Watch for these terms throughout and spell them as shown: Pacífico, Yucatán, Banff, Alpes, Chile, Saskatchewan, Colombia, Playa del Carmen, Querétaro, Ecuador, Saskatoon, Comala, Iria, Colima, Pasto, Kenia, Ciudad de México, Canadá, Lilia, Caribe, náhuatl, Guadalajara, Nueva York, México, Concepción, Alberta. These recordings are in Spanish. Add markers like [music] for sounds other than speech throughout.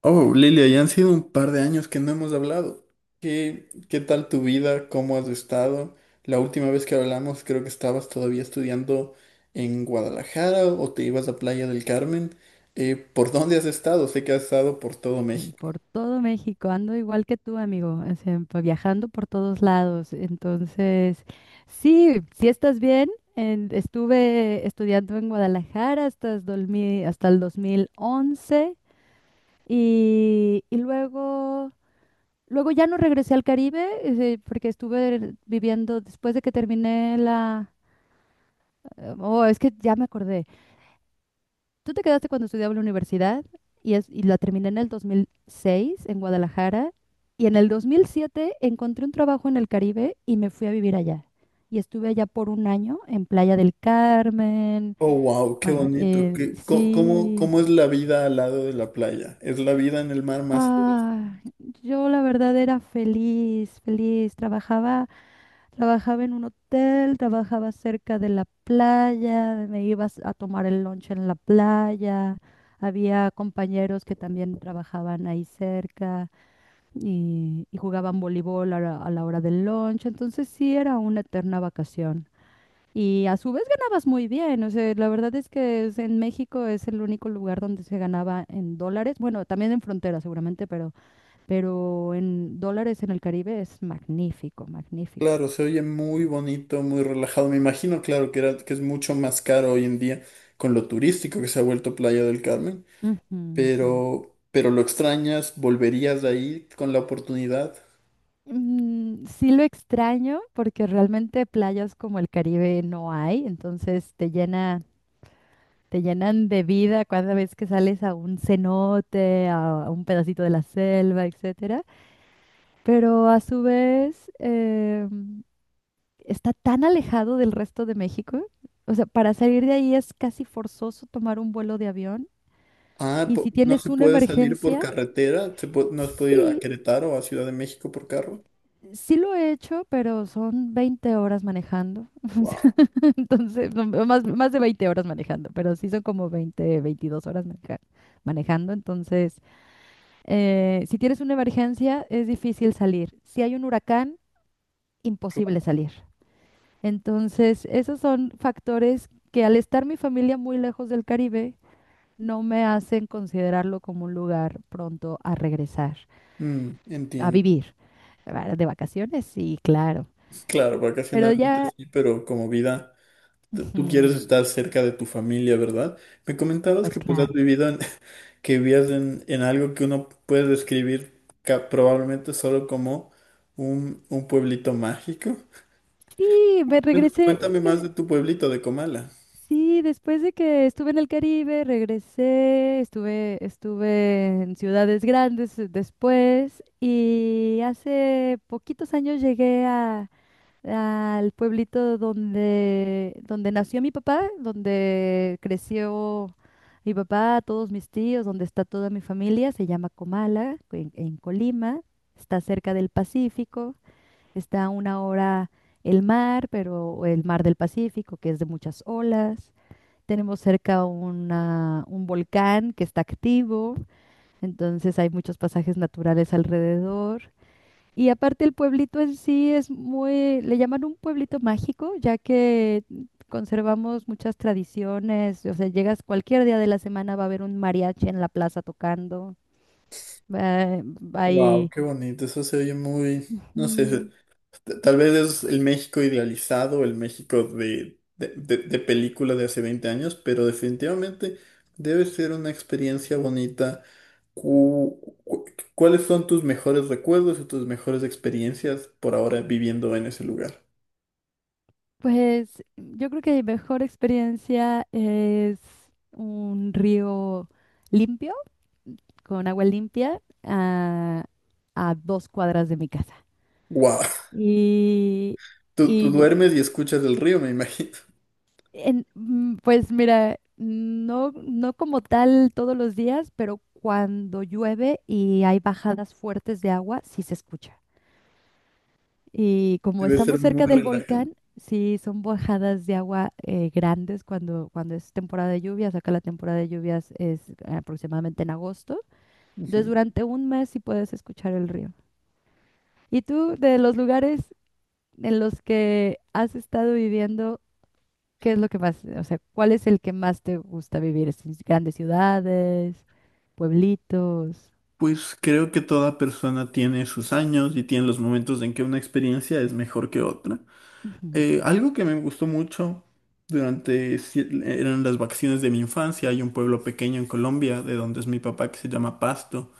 Oh, Lilia, ya han sido un par de años que no hemos hablado. ¿Qué tal tu vida? ¿Cómo has estado? La última vez que hablamos creo que estabas todavía estudiando en Guadalajara o te ibas a Playa del Carmen. ¿por dónde has estado? Sé que has estado por todo México. Por todo México, ando igual que tú, amigo, o sea, viajando por todos lados. Entonces, sí, si estás bien. Estuve estudiando en Guadalajara, hasta el 2000, hasta el 2011, y luego ya no regresé al Caribe, porque estuve viviendo después de que terminé la... Oh, es que ya me acordé. Tú te quedaste cuando estudiaba en la universidad, y la terminé en el 2006 en Guadalajara, y en el 2007 encontré un trabajo en el Caribe y me fui a vivir allá. Y estuve allá por un año en Playa del Carmen. Oh, wow, qué Bueno, bonito. ¿Qué- co- cómo, sí. cómo es la vida al lado de la playa? ¿Es la vida en el mar más sabrosa? Ah, yo la verdad era feliz, feliz. Trabajaba en un hotel, trabajaba cerca de la playa, me ibas a tomar el lunch en la playa. Había compañeros que también trabajaban ahí cerca, y jugaban voleibol a la hora del lunch. Entonces sí era una eterna vacación. Y a su vez ganabas muy bien. O sea, la verdad es que en México es el único lugar donde se ganaba en dólares. Bueno, también en frontera seguramente, pero en dólares en el Caribe es magnífico, magnífico. Claro, se oye muy bonito, muy relajado. Me imagino, claro, que es mucho más caro hoy en día con lo turístico que se ha vuelto Playa del Carmen. Ujú, ujú. Pero lo extrañas, volverías de ahí con la oportunidad. Mm, sí lo extraño porque realmente playas como el Caribe no hay, entonces te llenan de vida cada vez que sales a un cenote, a un pedacito de la selva, etcétera. Pero a su vez, está tan alejado del resto de México, o sea, para salir de ahí es casi forzoso tomar un vuelo de avión. Ah, Y si no tienes se una puede salir por emergencia. carretera. ¿ No se puede ir a Sí, Querétaro o a Ciudad de México por carro. sí lo he hecho, pero son 20 horas manejando. Wow. [laughs] Entonces, no, no, más de 20 horas manejando, pero sí son como 20, 22 horas manejando. Entonces, si tienes una emergencia, es difícil salir. Si hay un huracán, imposible salir. Entonces, esos son factores que al estar mi familia muy lejos del Caribe, no me hacen considerarlo como un lugar pronto a regresar, a Entiendo. vivir, ¿verdad? De vacaciones, sí, claro. Claro, Pero vacacionalmente ya... sí, pero como vida, tú quieres Ujú. estar cerca de tu familia, ¿verdad? Me comentabas Pues que pues has claro. vivido en- [laughs] que vivías en algo que uno puede describir probablemente solo como un pueblito mágico. Sí, me regresé. Cuéntame más de tu pueblito de Comala. Sí, después de que estuve en el Caribe, regresé, estuve en ciudades grandes, después, y hace poquitos años llegué al pueblito, donde nació mi papá, donde creció mi papá, todos mis tíos, donde está toda mi familia, se llama Comala, en Colima, está cerca del Pacífico. Está a una hora el mar, pero el mar del Pacífico, que es de muchas olas. Tenemos cerca un volcán que está activo, entonces hay muchos pasajes naturales alrededor. Y aparte el pueblito en sí es muy, le llaman un pueblito mágico, ya que conservamos muchas tradiciones. O sea, llegas cualquier día de la semana, va a haber un mariachi en la plaza tocando, va- Wow, hay... qué bonito, eso se oye muy, no sé, Ujú. Tal vez es el México idealizado, el México de película de hace 20 años, pero definitivamente debe ser una experiencia bonita. Cu- cu- ¿Cuáles son tus mejores recuerdos y tus mejores experiencias por ahora viviendo en ese lugar? Pues yo creo que mi mejor experiencia es un río limpio, con agua limpia, a 2 cuadras de mi casa. Wow, Y, [laughs] tú y duermes y escuchas el río, me imagino. Pues mira, no, no como tal todos los días, pero cuando llueve y hay bajadas fuertes de agua, sí se escucha. Y como Debe estamos ser muy cerca del relajante. volcán, sí, son bajadas de agua, grandes, cuando es temporada de lluvias. Acá la temporada de lluvias es aproximadamente en agosto. Entonces, Ujú. durante un mes sí puedes escuchar el río. ¿Y tú, de los lugares en los que has estado viviendo, qué es lo que más, o sea, cuál es el que más te gusta vivir? ¿Es en grandes ciudades, pueblitos? Pues creo que toda persona tiene sus años y tiene los momentos en que una experiencia es mejor que otra. Ujú. Algo que me gustó mucho durante eran las vacaciones de mi infancia. Hay un pueblo pequeño en Colombia de donde es mi papá que se llama Pasto.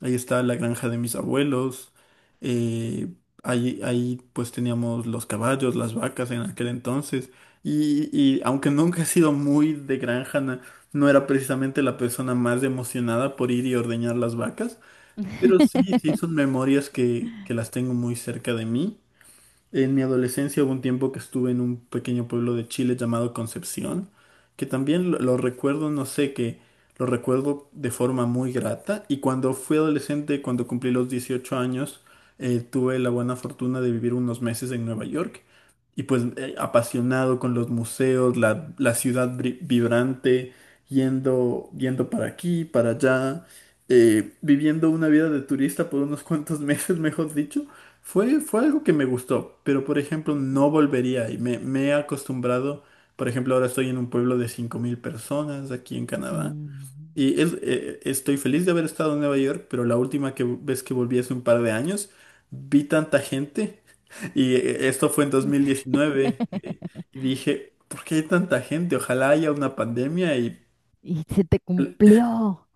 Ahí está la granja de mis abuelos. Eh, ahí pues teníamos los caballos, las vacas en aquel entonces. Y aunque nunca he sido muy de granja, no era precisamente la persona más emocionada por ir y ordeñar las vacas. Pero sí, [laughs] son memorias que las tengo muy cerca de mí. En mi adolescencia hubo un tiempo que estuve en un pequeño pueblo de Chile llamado Concepción, que también lo recuerdo, no sé, que lo recuerdo de forma muy grata. Y cuando fui adolescente, cuando cumplí los 18 años, tuve la buena fortuna de vivir unos meses en Nueva York. Y pues apasionado con los museos, la ciudad vibrante, yendo para aquí, para allá, viviendo una vida de turista por unos cuantos [laughs] meses, mejor dicho. Fue algo que me gustó, pero por ejemplo no volvería y me he acostumbrado. Por ejemplo ahora estoy en un pueblo de 5000 personas aquí en Canadá Mm. y estoy feliz de haber estado en Nueva York, pero la última vez que volví hace un par de años vi tanta gente [laughs] y esto fue en 2019 . [laughs] Y dije, ¿por qué hay tanta gente? Ojalá haya una pandemia y Y se te cumplió.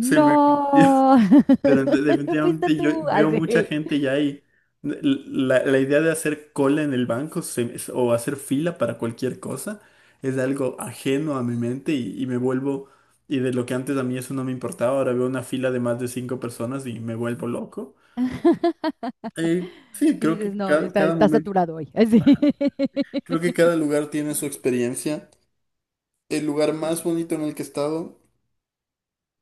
se me... [laughs] Pero [laughs] fuiste definitivamente yo tú, veo así. mucha Él. gente ya y la idea de hacer cola en el banco o hacer fila para cualquier cosa es algo ajeno a mi mente y me vuelvo, y de lo que antes a mí eso no me importaba, ahora veo una fila de más de cinco personas y me vuelvo loco. Eh, [laughs] sí, Y creo dices, que no, está, cada está momento, saturado hoy. Así. creo que [laughs] cada lugar tiene su experiencia. El lugar más bonito en el que he estado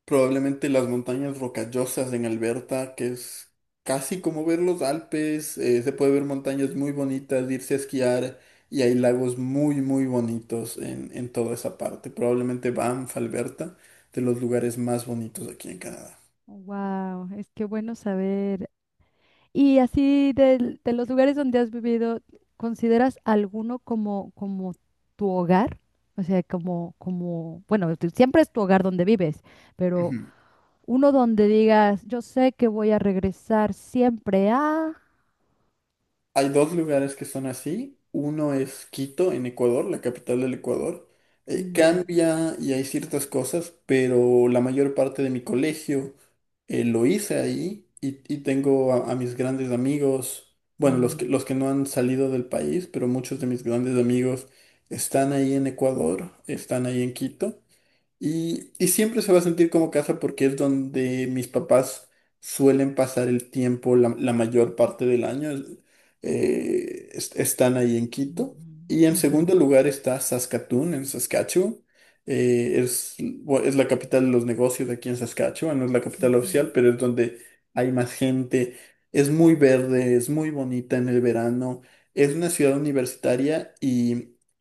probablemente las montañas rocallosas en Alberta, que es casi como ver los Alpes. Se puede ver montañas muy bonitas, irse a esquiar y hay lagos muy bonitos en toda esa parte. Probablemente Banff, Alberta, de los lugares más bonitos aquí en Canadá. Wow, es que bueno saber. Y así los lugares donde has vivido, ¿consideras alguno como tu hogar? O sea, bueno, siempre es tu hogar donde vives, pero Ujú. uno donde digas, yo sé que voy a regresar siempre a... Hay dos lugares que son así. Uno es Quito, en Ecuador, la capital del Ecuador. Mm, Cambia y hay ciertas cosas, pero la mayor parte de mi colegio lo hice ahí y tengo a mis grandes amigos, bueno, mm, los que no han salido del país, pero muchos de mis grandes amigos están ahí en Ecuador, están ahí en Quito. Y siempre se va a sentir como casa porque es donde mis papás suelen pasar el tiempo la mayor parte del año. Están ahí en Quito. mm, Y en ujú, segundo lugar está Saskatoon, en Saskatchewan. Es la capital de los negocios de aquí en Saskatchewan. No es la capital ujú. oficial, pero es donde hay más gente. Es muy verde, es muy bonita en el verano. Es una ciudad universitaria,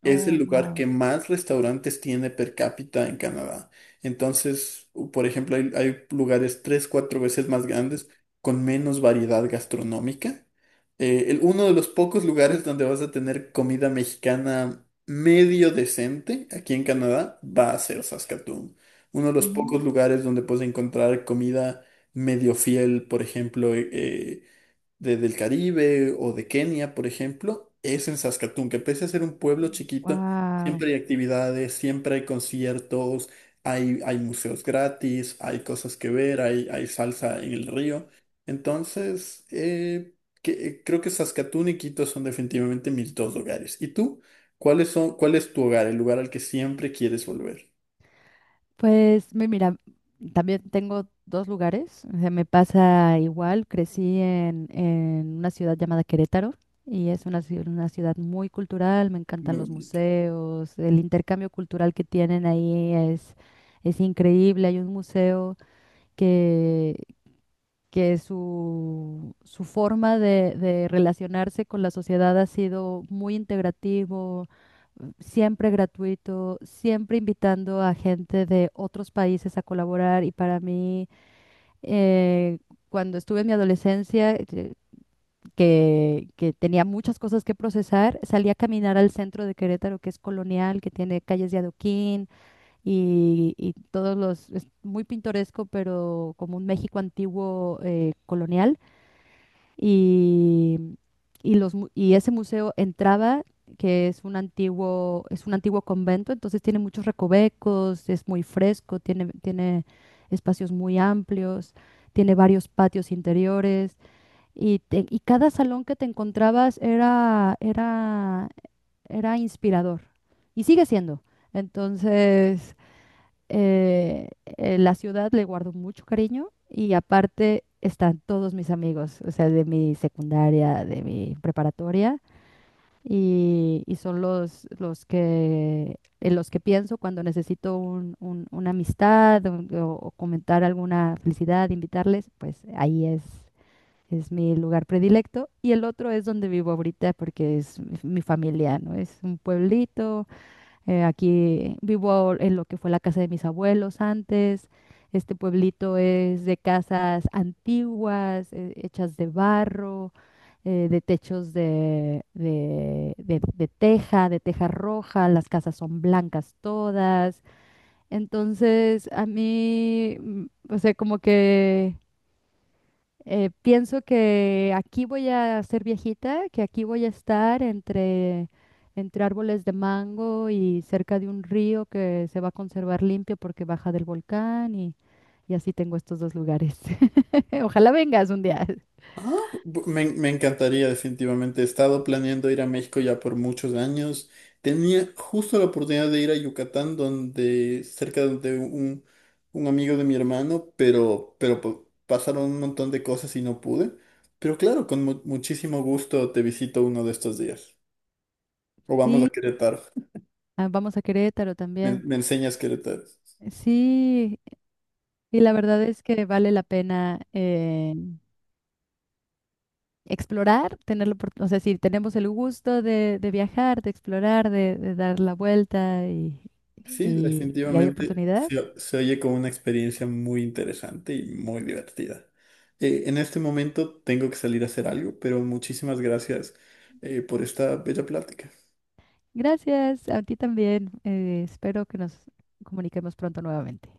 es el Oh, lugar wow. que más restaurantes tiene per cápita en Canadá. Entonces, por ejemplo, hay lugares tres, cuatro veces más grandes con menos variedad gastronómica. Uno de los pocos lugares donde vas a tener comida mexicana medio decente aquí en Canadá va a ser Saskatoon. Uno de los pocos lugares donde puedes encontrar comida medio fiel, por ejemplo, del Caribe o de Kenia, por ejemplo, es en Saskatoon, que pese a ser un pueblo chiquito, Wow. siempre hay actividades, siempre hay conciertos, hay museos gratis, hay cosas que ver, hay salsa en el río. Entonces, creo que Saskatoon y Quito son definitivamente mis dos hogares. ¿Y tú? ¿Cuáles son, cuál es tu hogar, el lugar al que siempre quieres volver? Pues mira, también tengo dos lugares. O sea, me pasa igual. Crecí en una ciudad llamada Querétaro, y es una ciudad muy cultural. Me encantan Muy los bonito. museos. El intercambio cultural que tienen ahí es increíble. Hay un museo que que su forma de relacionarse con la sociedad ha sido muy integrativo, siempre gratuito, siempre invitando a gente de otros países a colaborar. Y para mí, eh, cuando estuve en mi adolescencia, que tenía muchas cosas que procesar, salí a caminar al centro de Querétaro, que es colonial, que tiene calles de adoquín, y es muy pintoresco, pero como un México antiguo, colonial, y, y ese museo entraba, que es un antiguo, convento, entonces tiene muchos recovecos, es muy fresco, tiene espacios muy amplios, tiene varios patios interiores, y cada salón que te encontrabas era, era inspirador, y sigue siendo. Entonces, la ciudad le guardo mucho cariño y aparte están todos mis amigos, o sea, de mi secundaria, de mi preparatoria, y son en los que pienso cuando necesito una amistad o comentar alguna felicidad, invitarles, pues ahí es. Es mi lugar predilecto y el otro es donde vivo ahorita porque es mi familia, ¿no? Es un pueblito, aquí vivo en lo que fue la casa de mis abuelos antes. Este pueblito es de casas antiguas, hechas de barro, de techos de teja, de teja roja. Las casas son blancas todas. Entonces, a mí, o sea, como que, pienso que aquí voy a ser viejita, que aquí voy a estar entre árboles de mango y cerca de un río que se va a conservar limpio porque baja del volcán, y así tengo estos dos lugares. [laughs] Ojalá vengas un día. Ah, me encantaría definitivamente. He estado planeando ir a México ya por muchos años. Tenía justo la oportunidad de ir a Yucatán, donde cerca de un amigo de mi hermano, pero, pero pasaron un montón de cosas y no pude. Pero claro, con muchísimo gusto te visito uno de estos días. O vamos a Sí, Querétaro. ah, vamos a Querétaro también. Me enseñas Querétaro. Sí, y la verdad es que vale la pena. Explorar, o sea, si tenemos el gusto de viajar, de explorar, de dar la vuelta, y, Sí, y- y hay definitivamente oportunidad. Se oye como una experiencia muy interesante y muy divertida. En este momento tengo que salir a hacer algo, pero muchísimas gracias por esta bella plática. Gracias, a ti también. Espero que nos comuniquemos pronto nuevamente.